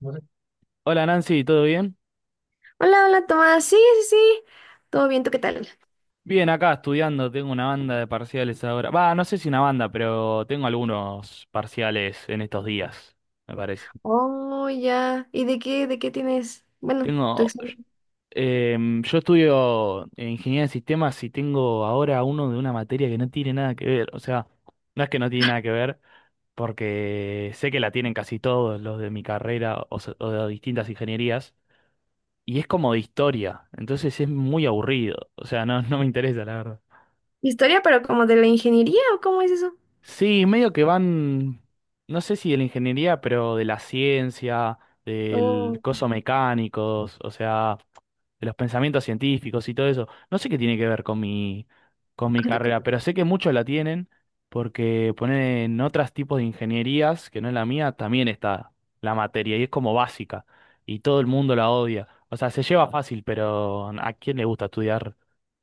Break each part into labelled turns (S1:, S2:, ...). S1: No sé.
S2: Hola Nancy, ¿todo bien?
S1: Hola, hola Tomás. Sí, sí. Todo bien, ¿tú qué tal?
S2: Bien, acá estudiando, tengo una banda de parciales ahora. Va, no sé si una banda, pero tengo algunos parciales en estos días, me parece.
S1: Oh, ya. ¿Y de qué tienes? Bueno, tu
S2: Tengo,
S1: examen.
S2: yo estudio en ingeniería de sistemas y tengo ahora uno de una materia que no tiene nada que ver. O sea, no es que no tiene nada que ver, porque sé que la tienen casi todos los de mi carrera o, o de distintas ingenierías, y es como de historia, entonces es muy aburrido. O sea, no, no me interesa, la verdad.
S1: Historia, ¿pero como de la ingeniería o cómo es eso?
S2: Sí, medio que van, no sé si de la ingeniería, pero de la ciencia, del
S1: Oh,
S2: coso mecánicos, o sea, de los pensamientos científicos y todo eso. No sé qué tiene que ver con mi
S1: con tu
S2: carrera,
S1: carrera.
S2: pero sé que muchos la tienen porque ponen otros tipos de ingenierías que no es la mía, también está la materia y es como básica y todo el mundo la odia. O sea, se lleva fácil, pero ¿a quién le gusta estudiar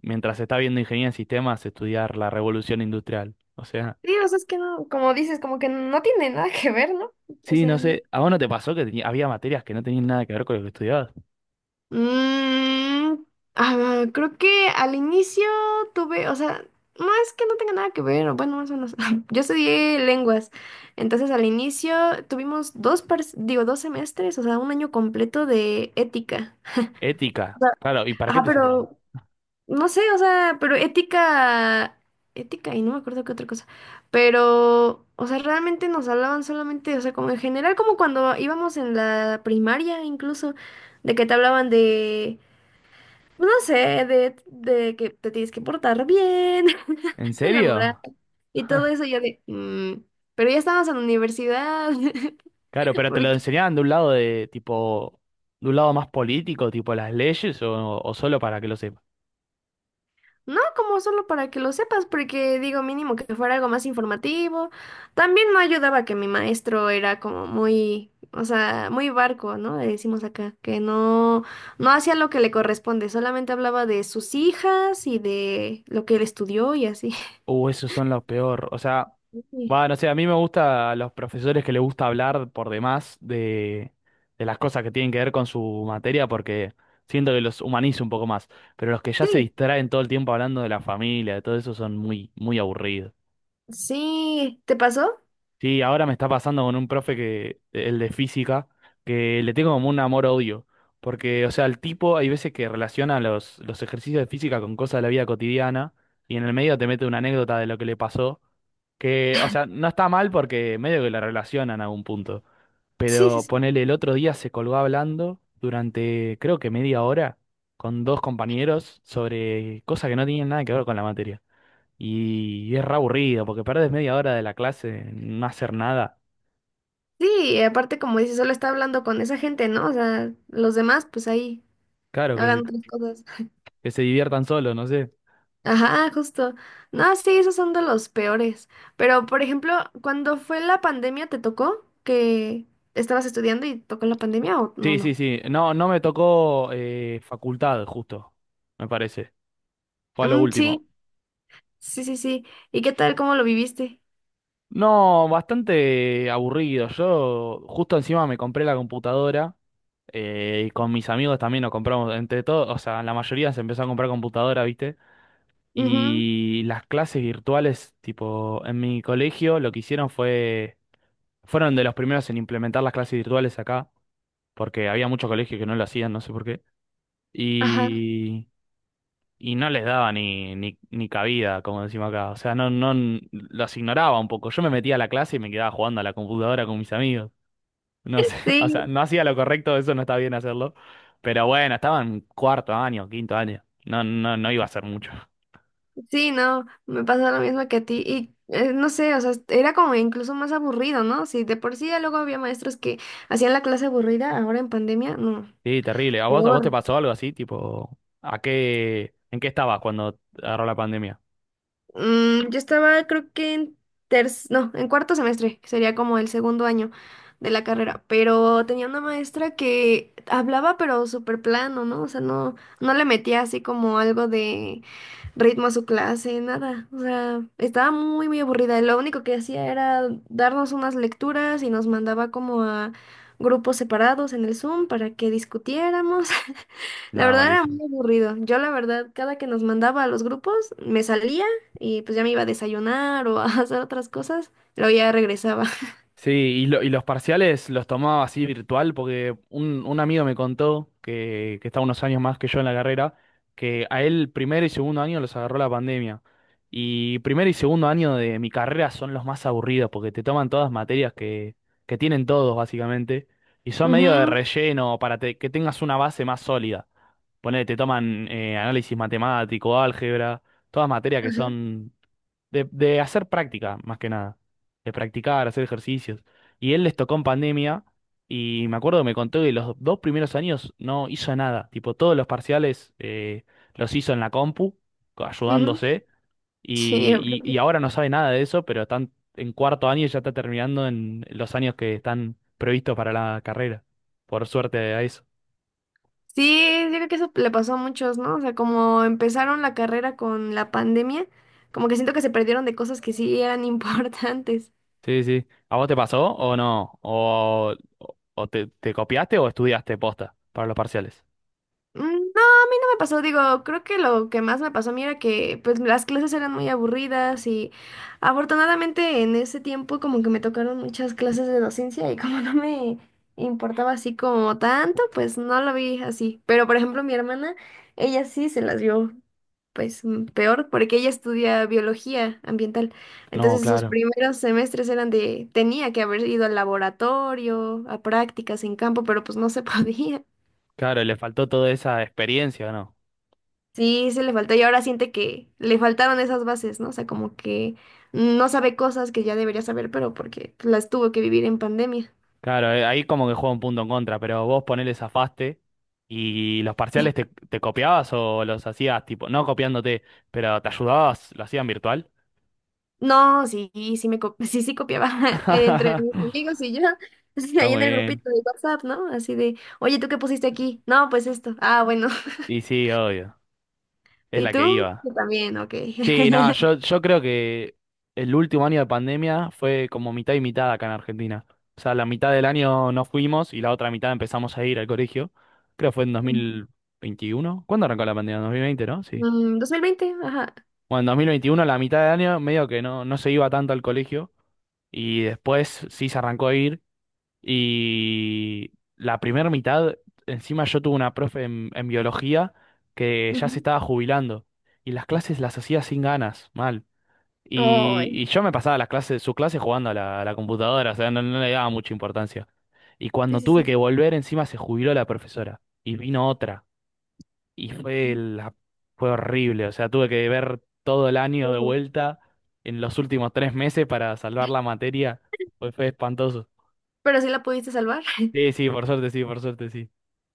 S2: mientras está viendo ingeniería en sistemas, estudiar la revolución industrial? O sea.
S1: Sí, o sea, es que no, como dices, como que no tiene nada que ver, ¿no? O
S2: Sí,
S1: sea,
S2: no
S1: no.
S2: sé, ¿a vos no te pasó que había materias que no tenían nada que ver con lo que estudiabas?
S1: Mm, ah, creo que al inicio tuve, o sea, no es que no tenga nada que ver, o bueno, más o menos. Yo estudié lenguas, entonces al inicio tuvimos digo, dos semestres, o sea, un año completo de ética. O
S2: Ética,
S1: sea,
S2: claro, ¿y para qué
S1: ajá,
S2: te servían?
S1: pero no sé, o sea, pero ética, ética y no me acuerdo qué otra cosa. Pero, o sea, realmente nos hablaban solamente, o sea, como en general, como cuando íbamos en la primaria incluso, de que te hablaban de no sé, de que te tienes que portar bien,
S2: ¿En
S1: de la moral
S2: serio?
S1: y todo eso. Yo de, "Mm, pero ya estamos en la universidad".
S2: Claro, pero te lo
S1: Porque
S2: enseñaban de un lado de tipo, de un lado más político, tipo las leyes, o solo para que lo,
S1: no, como solo para que lo sepas, porque digo, mínimo que fuera algo más informativo. También no ayudaba que mi maestro era como muy, o sea, muy barco, ¿no? Le decimos acá, que no hacía lo que le corresponde, solamente hablaba de sus hijas y de lo que él estudió y así.
S2: Esos son los peor. O sea,
S1: Sí,
S2: va, no sé, a mí me gusta a los profesores que les gusta hablar por demás de, las cosas que tienen que ver con su materia porque siento que los humaniza un poco más. Pero los que ya se
S1: sí,
S2: distraen todo el tiempo hablando de la familia, de todo eso, son muy, muy aburridos.
S1: sí, ¿te pasó?
S2: Sí, ahora me está pasando con un profe que, el de física, que le tengo como un amor-odio. Porque, o sea, el tipo hay veces que relaciona los ejercicios de física con cosas de la vida cotidiana y en el medio te mete una anécdota de lo que le pasó. Que, o sea, no está mal porque medio que la relacionan a un punto.
S1: Sí, sí,
S2: Pero
S1: sí,
S2: ponele, el otro día se colgó hablando durante creo que media hora con dos compañeros sobre cosas que no tenían nada que ver con la materia. Y es re aburrido porque perdés media hora de la clase en no hacer nada.
S1: sí, y aparte como dices, solo está hablando con esa gente, ¿no? O sea, los demás, pues ahí,
S2: Claro,
S1: hagan otras cosas.
S2: que se diviertan solos, no sé.
S1: Ajá, justo. No, sí, esos son de los peores. Pero, por ejemplo, cuando fue la pandemia, ¿te tocó que estabas estudiando y tocó la pandemia o
S2: Sí, sí,
S1: no?
S2: sí. No, no me tocó facultad, justo, me parece. Fue a lo
S1: Mm,
S2: último.
S1: sí, sí. ¿Y qué tal? ¿Cómo lo viviste?
S2: No, bastante aburrido. Yo justo encima me compré la computadora y con mis amigos también nos compramos, entre todos, o sea, la mayoría se empezó a comprar computadora, ¿viste?
S1: Ujú,
S2: Y las clases virtuales, tipo, en mi colegio lo que hicieron fueron de los primeros en implementar las clases virtuales acá, porque había muchos colegios que no lo hacían, no sé por qué.
S1: ajá.
S2: Y y no les daba ni cabida, como decimos acá. O sea, no, no, los ignoraba un poco. Yo me metía a la clase y me quedaba jugando a la computadora con mis amigos. No sé, o sea,
S1: Sí.
S2: no hacía lo correcto, eso no está bien hacerlo. Pero bueno, estaba en cuarto año, quinto año. No, no, no iba a hacer mucho.
S1: Sí, no, me pasa lo mismo que a ti. Y no sé, o sea, era como incluso más aburrido, ¿no? Si de por sí ya luego había maestros que hacían la clase aburrida, ahora en pandemia, no,
S2: Sí, terrible. ¿A vos te
S1: peor.
S2: pasó algo así? Tipo, en qué estabas cuando agarró la pandemia?
S1: Yo estaba, creo que en no, en cuarto semestre, que sería como el segundo año de la carrera, pero tenía una maestra que hablaba pero súper plano, ¿no? O sea, no le metía así como algo de ritmo a su clase, nada. O sea, estaba muy aburrida. Lo único que hacía era darnos unas lecturas y nos mandaba como a grupos separados en el Zoom para que discutiéramos. La
S2: Nada,
S1: verdad era
S2: malísimo.
S1: muy aburrido. Yo, la verdad, cada que nos mandaba a los grupos, me salía y pues ya me iba a desayunar o a hacer otras cosas. Luego ya regresaba.
S2: Sí, y los parciales los tomaba así virtual porque un amigo me contó que, está unos años más que yo en la carrera, que a él primer y segundo año los agarró la pandemia. Y primer y segundo año de mi carrera son los más aburridos porque te toman todas materias que, tienen todos básicamente y son medio de
S1: Ujú,
S2: relleno para que tengas una base más sólida. Ponele, te toman análisis matemático, álgebra, todas materias que
S1: ajá,
S2: son de hacer práctica, más que nada, de practicar, hacer ejercicios. Y él les tocó en pandemia y me acuerdo que me contó que los dos primeros años no hizo nada, tipo todos los parciales los hizo en la compu,
S1: ujú.
S2: ayudándose,
S1: Sí,
S2: y
S1: ok.
S2: ahora no sabe nada de eso, pero están en cuarto año y ya está terminando en los años que están previstos para la carrera, por suerte a eso.
S1: Sí, yo creo que eso le pasó a muchos, ¿no? O sea, como empezaron la carrera con la pandemia, como que siento que se perdieron de cosas que sí eran importantes.
S2: Sí, sí. ¿A vos te pasó o no? ¿O te copiaste o estudiaste posta para los parciales?
S1: No, a mí no me pasó, digo, creo que lo que más me pasó a mí era que pues las clases eran muy aburridas y afortunadamente en ese tiempo como que me tocaron muchas clases de docencia y como no me importaba así como tanto, pues no lo vi así. Pero por ejemplo mi hermana, ella sí se las vio pues peor, porque ella estudia biología ambiental.
S2: No,
S1: Entonces sus
S2: claro.
S1: primeros semestres eran de, tenía que haber ido al laboratorio, a prácticas en campo, pero pues no se podía.
S2: Claro, le faltó toda esa experiencia, ¿no?
S1: Sí, se le faltó y ahora siente que le faltaron esas bases, ¿no? O sea, como que no sabe cosas que ya debería saber, pero porque las tuvo que vivir en pandemia.
S2: Claro, ahí como que juega un punto en contra, pero vos ponele zafaste y los parciales te copiabas o los hacías tipo, no copiándote, pero te ayudabas, lo hacían virtual.
S1: No, sí, sí, sí copiaba entre
S2: Está
S1: mis amigos y yo, ahí en
S2: muy
S1: el
S2: bien.
S1: grupito de WhatsApp, ¿no? Así de, oye, ¿tú qué pusiste aquí? No, pues esto. Ah, bueno.
S2: Y sí, obvio, es
S1: ¿Y
S2: la que
S1: tú?
S2: iba.
S1: Yo también, ok.
S2: Sí, no, yo, yo creo que el último año de pandemia fue como mitad y mitad acá en Argentina. O sea, la mitad del año no fuimos y la otra mitad empezamos a ir al colegio. Creo que fue en 2021. ¿Cuándo arrancó la pandemia? 2020, ¿no? Sí.
S1: Dos mil veinte, ajá.
S2: Bueno, en 2021, la mitad de año, medio que no, no se iba tanto al colegio y después sí se arrancó a ir y la primera mitad, encima yo tuve una profe en, biología que ya se
S1: Ujú.
S2: estaba jubilando y las clases las hacía sin ganas, mal. Y,
S1: Ay,
S2: y yo me pasaba las clases, sus clases jugando a la, computadora, o sea, no, no le daba mucha importancia. Y
S1: sí,
S2: cuando
S1: sí,
S2: tuve
S1: sí.
S2: que volver, encima se jubiló la profesora y vino otra. Y fue horrible, o sea, tuve que ver todo el año de
S1: Ujú.
S2: vuelta en los últimos 3 meses para salvar la materia. Fue, fue espantoso.
S1: ¿Pero sí la pudiste salvar?
S2: Sí, sí, por suerte, sí, por suerte, sí.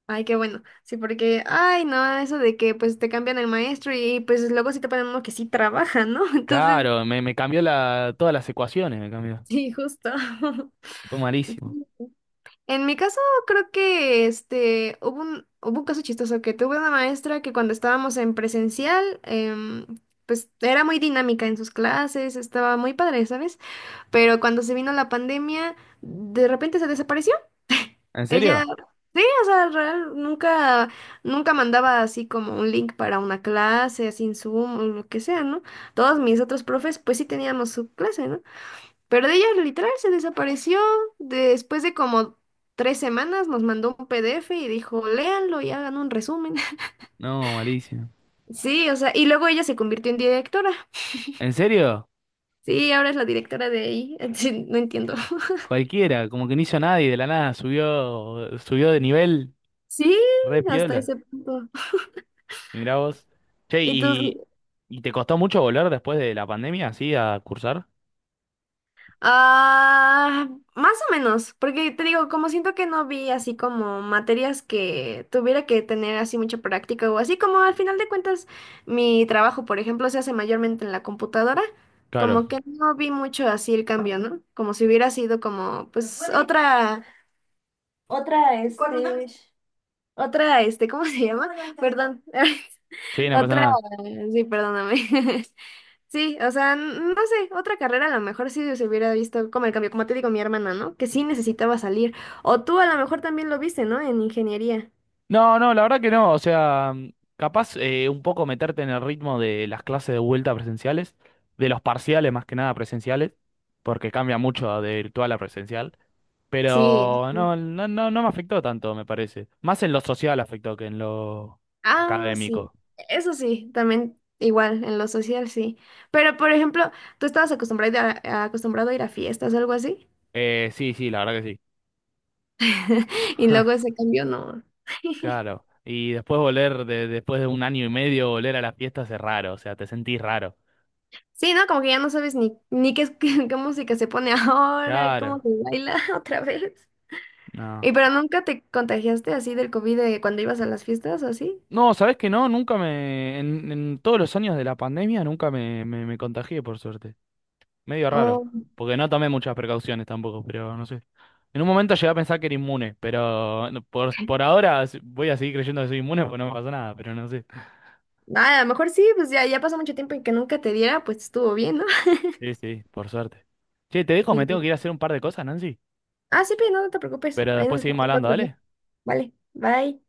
S1: Ay, qué bueno. Sí, porque, ay, no, eso de que pues te cambian el maestro y pues luego sí te ponen uno que sí trabaja, ¿no? Entonces,
S2: Claro, me, cambió todas las ecuaciones, me cambió.
S1: sí, justo.
S2: Fue malísimo.
S1: En mi caso, creo que este hubo un caso chistoso que tuve una maestra que cuando estábamos en presencial, pues era muy dinámica en sus clases, estaba muy padre, ¿sabes? Pero cuando se vino la pandemia, de repente se desapareció.
S2: ¿En
S1: Ella,
S2: serio?
S1: sí, o sea, real, nunca mandaba así como un link para una clase, sin en Zoom o lo que sea, ¿no? Todos mis otros profes, pues sí teníamos su clase, ¿no? Pero de ella literal se desapareció después de como tres semanas, nos mandó un PDF y dijo, léanlo y hagan un resumen.
S2: No, malísimo.
S1: Sí, o sea, y luego ella se convirtió en directora.
S2: ¿En serio?
S1: Sí, ahora es la directora de ahí. Sí, no entiendo.
S2: Cualquiera, como que no hizo nadie, de la nada subió de nivel,
S1: Sí,
S2: re
S1: hasta
S2: piola.
S1: ese punto.
S2: Mirá vos. Che,
S1: ¿Y
S2: ¿y,
S1: tú?
S2: y te costó mucho volver después de la pandemia, así, a cursar?
S1: Ah, más o menos, porque te digo, como siento que no vi así como materias que tuviera que tener así mucha práctica o así como al final de cuentas mi trabajo, por ejemplo, se hace mayormente en la computadora,
S2: Claro.
S1: como que no vi mucho así el cambio, ¿no? Como si hubiera sido como otra, otra este, otra este, ¿cómo se llama? Perdón,
S2: Sí, no pasa
S1: otra,
S2: nada.
S1: sí, perdóname. Sí, o sea, no sé, otra carrera a lo mejor sí se hubiera visto como el cambio, como te digo, mi hermana, ¿no? Que sí necesitaba salir. O tú a lo mejor también lo viste, ¿no? En ingeniería.
S2: No, no, la verdad que no. O sea, mm, capaz un poco meterte en el ritmo de las clases de vuelta presenciales, de los parciales más que nada presenciales, porque cambia mucho de virtual a presencial.
S1: Sí,
S2: Pero no, no, no, no me afectó tanto, me parece. Más en lo social afectó que en lo
S1: ah, sí.
S2: académico.
S1: Eso sí, también igual, en lo social sí. Pero, por ejemplo, tú estabas acostumbrado acostumbrado a ir a fiestas o algo así,
S2: Sí, sí, la verdad que sí.
S1: y luego ese cambio no.
S2: Claro. Y después volver, de, después de un año y medio, volver a las fiestas es raro. O sea, te sentís raro.
S1: Sí, ¿no? Como que ya no sabes ni qué, qué música se pone ahora, cómo
S2: Claro.
S1: se baila otra vez.
S2: No.
S1: ¿Y pero nunca te contagiaste así del COVID de cuando ibas a las fiestas o así?
S2: No, ¿sabés que no? Nunca me. En todos los años de la pandemia nunca me, contagié, por suerte. Medio raro.
S1: O
S2: Porque no tomé muchas precauciones tampoco, pero no sé. En un momento llegué a pensar que era inmune, pero no, por ahora voy a seguir creyendo que soy inmune porque no me pasó nada, pero no sé.
S1: ah, a lo mejor sí, pues ya pasó mucho tiempo en que nunca te diera, pues estuvo bien, ¿no?
S2: Sí, sí, por suerte. Che, te dejo, me tengo
S1: Sí.
S2: que ir a hacer un par de cosas, Nancy.
S1: Ah, sí, pero no, no te preocupes.
S2: Pero
S1: Ahí
S2: después
S1: nos vemos
S2: seguimos hablando,
S1: otro día.
S2: dale.
S1: Vale, bye.